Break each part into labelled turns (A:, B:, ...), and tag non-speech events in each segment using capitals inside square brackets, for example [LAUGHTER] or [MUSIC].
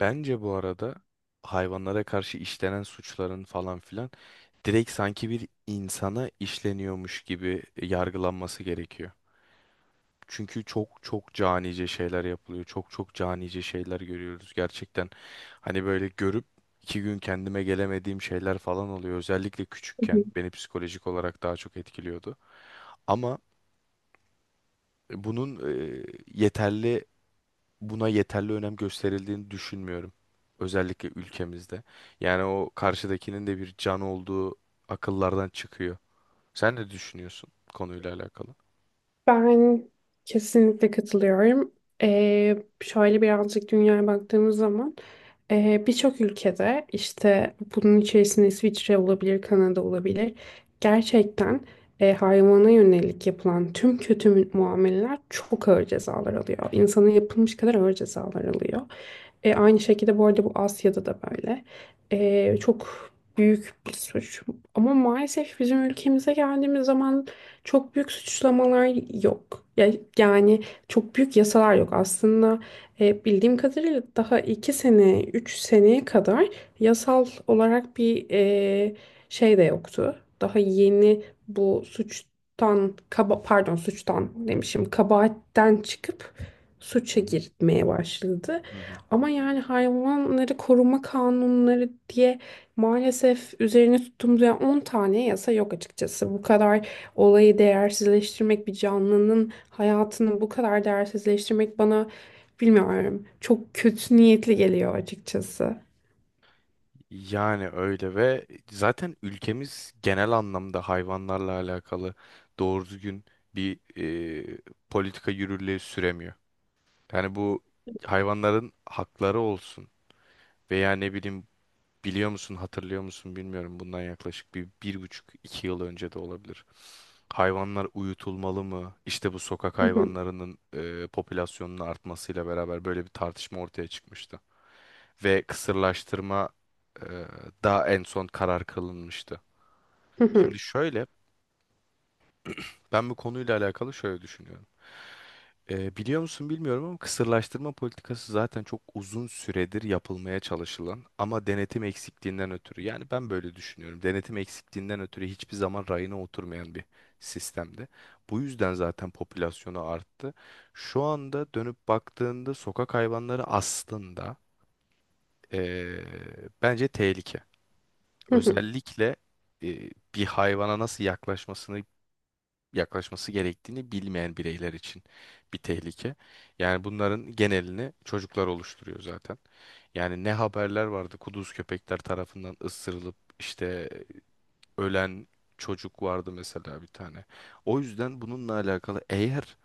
A: Bence bu arada hayvanlara karşı işlenen suçların falan filan direkt sanki bir insana işleniyormuş gibi yargılanması gerekiyor. Çünkü çok çok canice şeyler yapılıyor. Çok çok canice şeyler görüyoruz gerçekten. Hani böyle görüp 2 gün kendime gelemediğim şeyler falan oluyor. Özellikle küçükken beni psikolojik olarak daha çok etkiliyordu. Ama bunun e, yeterli buna yeterli önem gösterildiğini düşünmüyorum. Özellikle ülkemizde. Yani o karşıdakinin de bir can olduğu akıllardan çıkıyor. Sen ne düşünüyorsun konuyla alakalı?
B: Ben kesinlikle katılıyorum. Ee, Şöyle birazcık dünyaya baktığımız zaman birçok ülkede işte bunun içerisinde İsviçre olabilir, Kanada olabilir. Gerçekten hayvana yönelik yapılan tüm muameleler çok ağır cezalar alıyor. İnsana yapılmış kadar ağır cezalar alıyor. Aynı şekilde bu arada bu Asya'da da böyle. Çok büyük bir suç. Ama maalesef bizim ülkemize geldiğimiz zaman çok büyük suçlamalar yok. Yani çok büyük yasalar yok. Aslında bildiğim kadarıyla daha 2 sene, 3 seneye kadar yasal olarak bir şey de yoktu. Daha yeni bu suçtan, kaba, pardon suçtan demişim, kabahatten çıkıp
A: Hı
B: suça
A: hı.
B: girmeye başladı.
A: Hı hı.
B: Ama yani hayvanları koruma kanunları diye maalesef üzerine tuttuğumuz yani 10 tane yasa yok açıkçası. Bu kadar olayı değersizleştirmek, bir canlının hayatını bu kadar değersizleştirmek bana bilmiyorum. Çok kötü niyetli geliyor açıkçası.
A: Yani öyle ve zaten ülkemiz genel anlamda hayvanlarla alakalı doğru düzgün bir e, politika yürürlüğe süremiyor. Yani bu hayvanların hakları olsun veya ne bileyim. Biliyor musun, hatırlıyor musun bilmiyorum. Bundan yaklaşık bir, 1,5, 2 yıl önce de olabilir. Hayvanlar uyutulmalı mı? İşte bu sokak
B: [LAUGHS]
A: hayvanlarının popülasyonunun artmasıyla beraber böyle bir tartışma ortaya çıkmıştı. Ve kısırlaştırma e, da en son karar kılınmıştı.
B: Hı hı,
A: Şimdi şöyle, ben bu konuyla alakalı şöyle düşünüyorum. Biliyor musun bilmiyorum ama kısırlaştırma politikası zaten çok uzun süredir yapılmaya çalışılan ama denetim eksikliğinden ötürü, yani ben böyle düşünüyorum. Denetim eksikliğinden ötürü hiçbir zaman rayına oturmayan bir sistemdi. Bu yüzden zaten popülasyonu arttı. Şu anda dönüp baktığında sokak hayvanları aslında ee, bence tehlike.
B: hı hı, hı
A: Özellikle bir hayvana nasıl yaklaşması gerektiğini bilmeyen bireyler için bir tehlike. Yani bunların genelini çocuklar oluşturuyor zaten. Yani ne haberler vardı kuduz köpekler tarafından ısırılıp işte ölen çocuk vardı mesela bir tane. O yüzden bununla alakalı eğer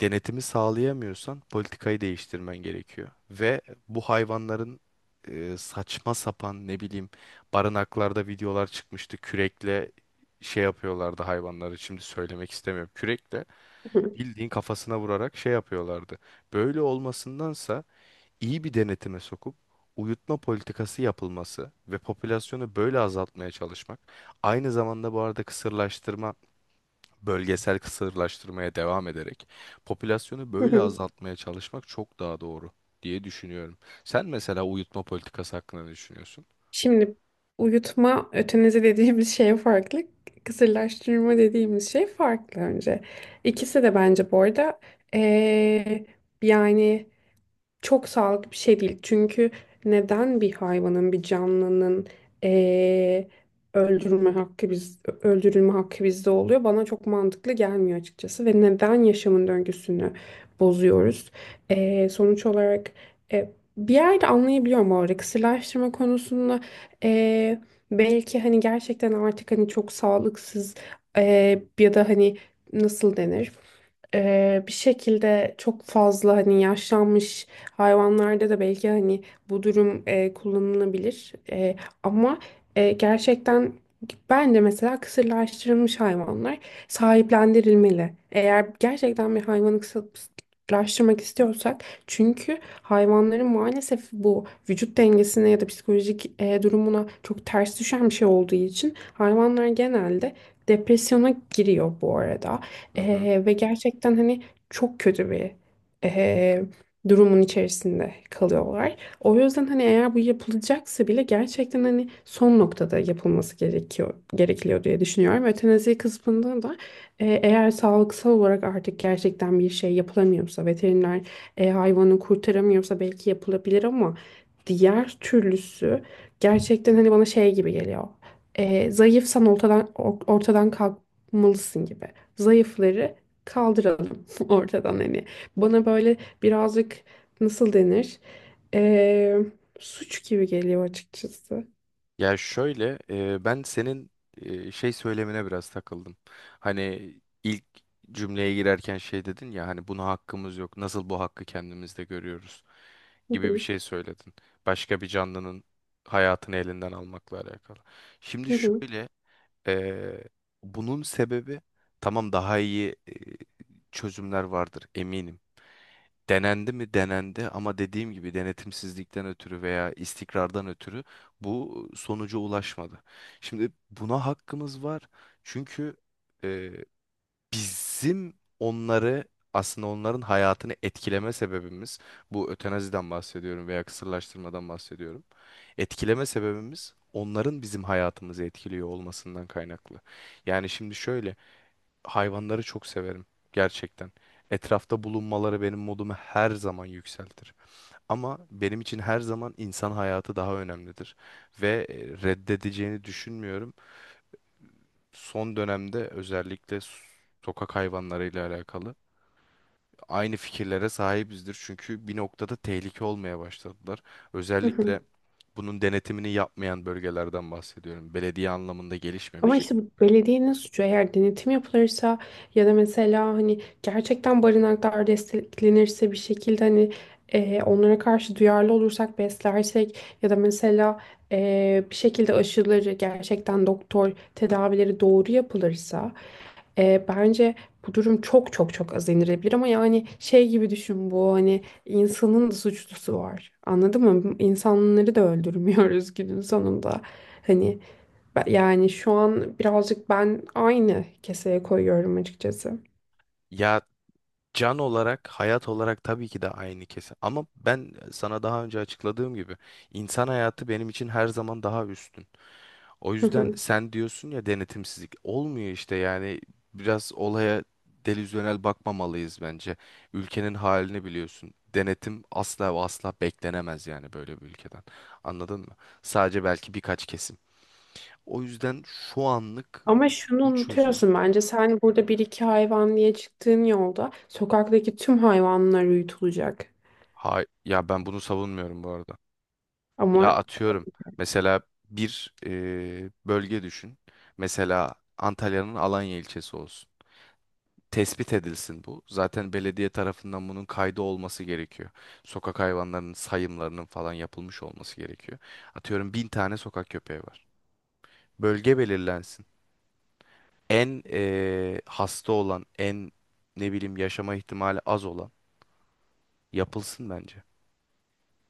A: denetimi sağlayamıyorsan politikayı değiştirmen gerekiyor. Ve bu hayvanların saçma sapan ne bileyim barınaklarda videolar çıkmıştı. Kürekle şey yapıyorlardı hayvanları. Şimdi söylemek istemiyorum. Kürekle
B: hı,
A: bildiğin kafasına vurarak şey yapıyorlardı. Böyle olmasındansa iyi bir denetime sokup uyutma politikası yapılması ve popülasyonu böyle azaltmaya çalışmak. Aynı zamanda bu arada kısırlaştırma, bölgesel kısırlaştırmaya devam ederek popülasyonu
B: hı hı,
A: böyle
B: hı.
A: azaltmaya çalışmak çok daha doğru diye düşünüyorum. Sen mesela uyutma politikası hakkında ne düşünüyorsun?
B: Şimdi uyutma ötenizi dediğimiz şey farklı. Kısırlaştırma dediğimiz şey farklı önce. İkisi de bence bu arada eee, yani çok sağlıklı bir şey değil. Çünkü neden bir hayvanın, bir canlının eee, öldürme hakkı biz öldürülme hakkı bizde oluyor? Bana çok mantıklı gelmiyor açıkçası ve neden yaşamın döngüsünü bozuyoruz? Sonuç olarak e, bir yerde anlayabiliyorum bu arada kısırlaştırma konusunda eee, belki hani gerçekten artık hani çok sağlıksız ya da hani nasıl denir? Bir şekilde çok fazla hani yaşlanmış hayvanlarda da belki hani bu durum kullanılabilir. Ama gerçekten bence mesela kısırlaştırılmış hayvanlar sahiplendirilmeli. Eğer gerçekten bir hayvanı kısırlaştırmak istiyorsak çünkü hayvanların maalesef bu vücut dengesine ya da psikolojik durumuna çok ters düşen bir şey olduğu için hayvanlar genelde depresyona giriyor bu arada.
A: Hı hı.
B: Ve gerçekten hani çok kötü bir e, durumun içerisinde kalıyorlar. O yüzden hani eğer bu yapılacaksa bile gerçekten hani son noktada yapılması gerekiyor diye düşünüyorum. Ötenazi kısmında da eğer sağlıksal olarak artık gerçekten bir şey yapılamıyorsa veteriner hayvanı kurtaramıyorsa belki yapılabilir ama diğer türlüsü gerçekten hani bana şey gibi geliyor. Zayıfsan ortadan kalkmalısın gibi. Zayıfları kaldıralım [LAUGHS] ortadan hani. Bana böyle birazcık nasıl denir? Ee, Suç gibi geliyor açıkçası.
A: Ya şöyle, ben senin şey söylemine biraz takıldım. Hani ilk cümleye girerken şey dedin ya, hani buna hakkımız yok. Nasıl bu hakkı kendimizde görüyoruz
B: Hı
A: gibi bir
B: hı,
A: şey söyledin. Başka bir canlının hayatını elinden almakla alakalı. Şimdi
B: hı hı,
A: şöyle. Ee, bunun sebebi, tamam, daha iyi çözümler vardır eminim. Denendi mi denendi, ama dediğim gibi denetimsizlikten ötürü veya istikrardan ötürü bu sonuca ulaşmadı. Şimdi buna hakkımız var, çünkü bizim onları aslında onların hayatını etkileme sebebimiz, bu ötenaziden bahsediyorum veya kısırlaştırmadan bahsediyorum. Etkileme sebebimiz onların bizim hayatımızı etkiliyor olmasından kaynaklı. Yani şimdi şöyle, hayvanları çok severim gerçekten. Etrafta bulunmaları benim modumu her zaman yükseltir. Ama benim için her zaman insan hayatı daha önemlidir ve reddedeceğini düşünmüyorum. Son dönemde özellikle sokak hayvanlarıyla alakalı aynı fikirlere sahibizdir. Çünkü bir noktada tehlike olmaya başladılar.
B: hı hı.
A: Özellikle bunun denetimini yapmayan bölgelerden bahsediyorum. Belediye anlamında
B: Ama
A: gelişmemiş.
B: işte bu belediyenin suçu eğer denetim yapılırsa ya da mesela hani gerçekten barınaklar desteklenirse bir şekilde hani onlara karşı duyarlı olursak beslersek ya da mesela bir şekilde aşıları gerçekten doktor tedavileri doğru yapılırsa bence bu durum çok az indirilebilir ama yani şey gibi düşün bu hani insanın da suçlusu var anladın mı? İnsanları da öldürmüyoruz günün sonunda hani. Yani şu an birazcık ben aynı keseye koyuyorum açıkçası.
A: Ya, can olarak, hayat olarak tabii ki de aynı kesin. Ama ben sana daha önce açıkladığım gibi insan hayatı benim için her zaman daha üstün. O
B: Hı
A: yüzden
B: hı.
A: sen diyorsun ya denetimsizlik olmuyor işte, yani biraz olaya delüzyonel bakmamalıyız bence. Ülkenin halini biliyorsun. Denetim asla ve asla beklenemez yani böyle bir ülkeden. Anladın mı? Sadece belki birkaç kesim. O yüzden şu anlık
B: Ama şunu
A: bu çözüm.
B: unutuyorsun bence sen burada bir iki hayvan diye çıktığın yolda sokaktaki tüm hayvanlar uyutulacak.
A: Hay ya, ben bunu savunmuyorum bu arada. Ya
B: Ama
A: atıyorum, mesela bir bölge düşün. Mesela Antalya'nın Alanya ilçesi olsun. Tespit edilsin bu. Zaten belediye tarafından bunun kaydı olması gerekiyor. Sokak hayvanlarının sayımlarının falan yapılmış olması gerekiyor. Atıyorum 1000 tane sokak köpeği var. Bölge belirlensin. En hasta olan, en ne bileyim yaşama ihtimali az olan yapılsın bence.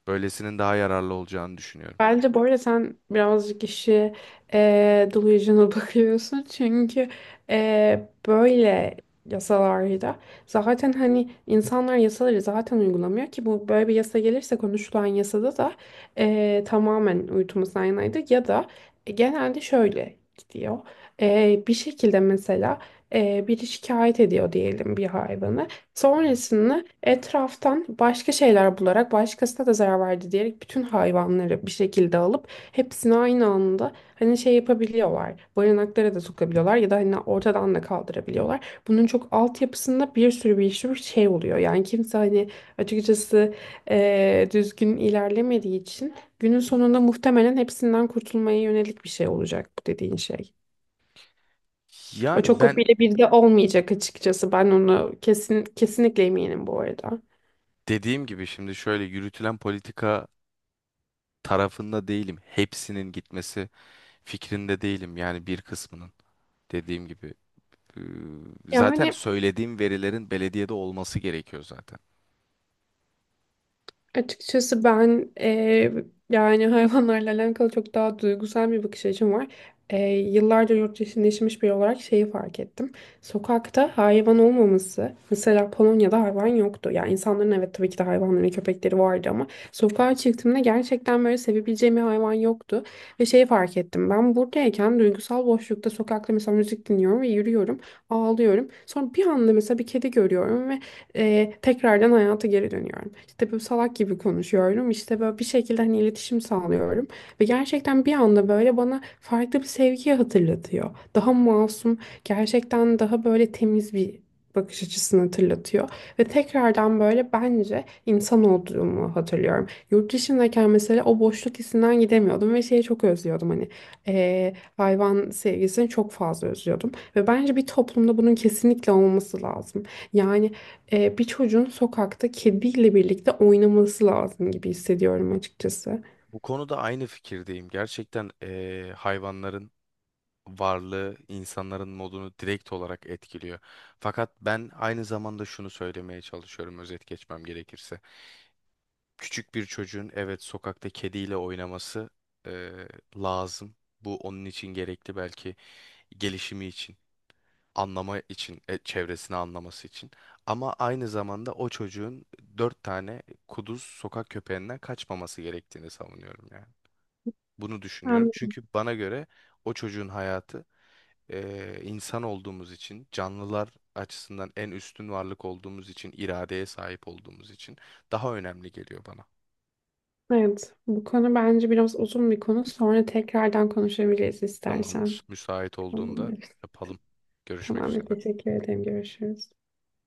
A: Böylesinin daha yararlı olacağını düşünüyorum.
B: bence bu arada sen birazcık işi delusional [LAUGHS] bakıyorsun. Çünkü böyle yasalarda zaten hani insanlar yasaları zaten uygulamıyor ki bu böyle bir yasa gelirse konuşulan yasada da tamamen uyutulması yanaydı ya da genelde şöyle gidiyor. Bir şekilde mesela biri şikayet ediyor diyelim bir hayvanı.
A: Hı.
B: Sonrasında etraftan başka şeyler bularak başkasına da zarar verdi diyerek bütün hayvanları bir şekilde alıp hepsini aynı anda hani şey yapabiliyorlar. Barınaklara da sokabiliyorlar ya da hani ortadan da kaldırabiliyorlar. Bunun çok altyapısında bir sürü şey oluyor. Yani kimse hani açıkçası düzgün ilerlemediği için günün sonunda muhtemelen hepsinden kurtulmaya yönelik bir şey olacak bu dediğin şey. O
A: Yani
B: çok o
A: ben
B: birebir de olmayacak açıkçası. Ben onu kesinlikle eminim bu arada.
A: dediğim gibi şimdi şöyle, yürütülen politika tarafında değilim. Hepsinin gitmesi fikrinde değilim, yani bir kısmının, dediğim gibi. Ee,
B: Ya
A: Zaten
B: hani
A: söylediğim verilerin belediyede olması gerekiyor zaten.
B: açıkçası ben, yani hayvanlarla alakalı çok daha duygusal bir bakış açım var. Yıllarca yurt dışında yaşamış biri olarak şeyi fark ettim. Sokakta hayvan olmaması, mesela Polonya'da hayvan yoktu. Yani insanların evet tabii ki de hayvanları ve köpekleri vardı ama sokağa çıktığımda gerçekten böyle sevebileceğim bir hayvan yoktu. Ve şeyi fark ettim. Ben buradayken duygusal boşlukta sokakta mesela müzik dinliyorum ve yürüyorum, ağlıyorum. Sonra bir anda mesela bir kedi görüyorum ve tekrardan hayata geri dönüyorum. İşte böyle salak gibi konuşuyorum. İşte böyle bir şekilde hani iletişim sağlıyorum. Ve gerçekten bir anda böyle bana farklı bir sevgiyi hatırlatıyor. Daha masum, gerçekten daha böyle temiz bir bakış açısını hatırlatıyor. Ve tekrardan böyle bence insan olduğumu hatırlıyorum. Yurt dışındayken mesela o boşluk hissinden gidemiyordum ve şeyi çok özlüyordum hani hayvan sevgisini çok fazla özlüyordum. Ve bence bir toplumda bunun kesinlikle olması lazım. Yani bir çocuğun sokakta kediyle birlikte oynaması lazım gibi hissediyorum açıkçası.
A: Bu konuda aynı fikirdeyim. Gerçekten hayvanların varlığı insanların modunu direkt olarak etkiliyor. Fakat ben aynı zamanda şunu söylemeye çalışıyorum, özet geçmem gerekirse. Küçük bir çocuğun evet sokakta kediyle oynaması eee, lazım. Bu onun için gerekli belki, gelişimi için. Anlama için, çevresini anlaması için. Ama aynı zamanda o çocuğun dört tane kuduz sokak köpeğinden kaçmaması gerektiğini savunuyorum yani. Bunu düşünüyorum.
B: Yani,
A: Çünkü bana göre o çocuğun hayatı, insan olduğumuz için, canlılar açısından en üstün varlık olduğumuz için, iradeye sahip olduğumuz için daha önemli geliyor bana.
B: evet, bu konu bence biraz uzun bir konu. Sonra tekrardan konuşabiliriz istersen.
A: Tamamdır. Müsait olduğunda
B: Tamamdır.
A: yapalım. Görüşmek
B: Tamamdır.
A: üzere.
B: Teşekkür ederim. Görüşürüz.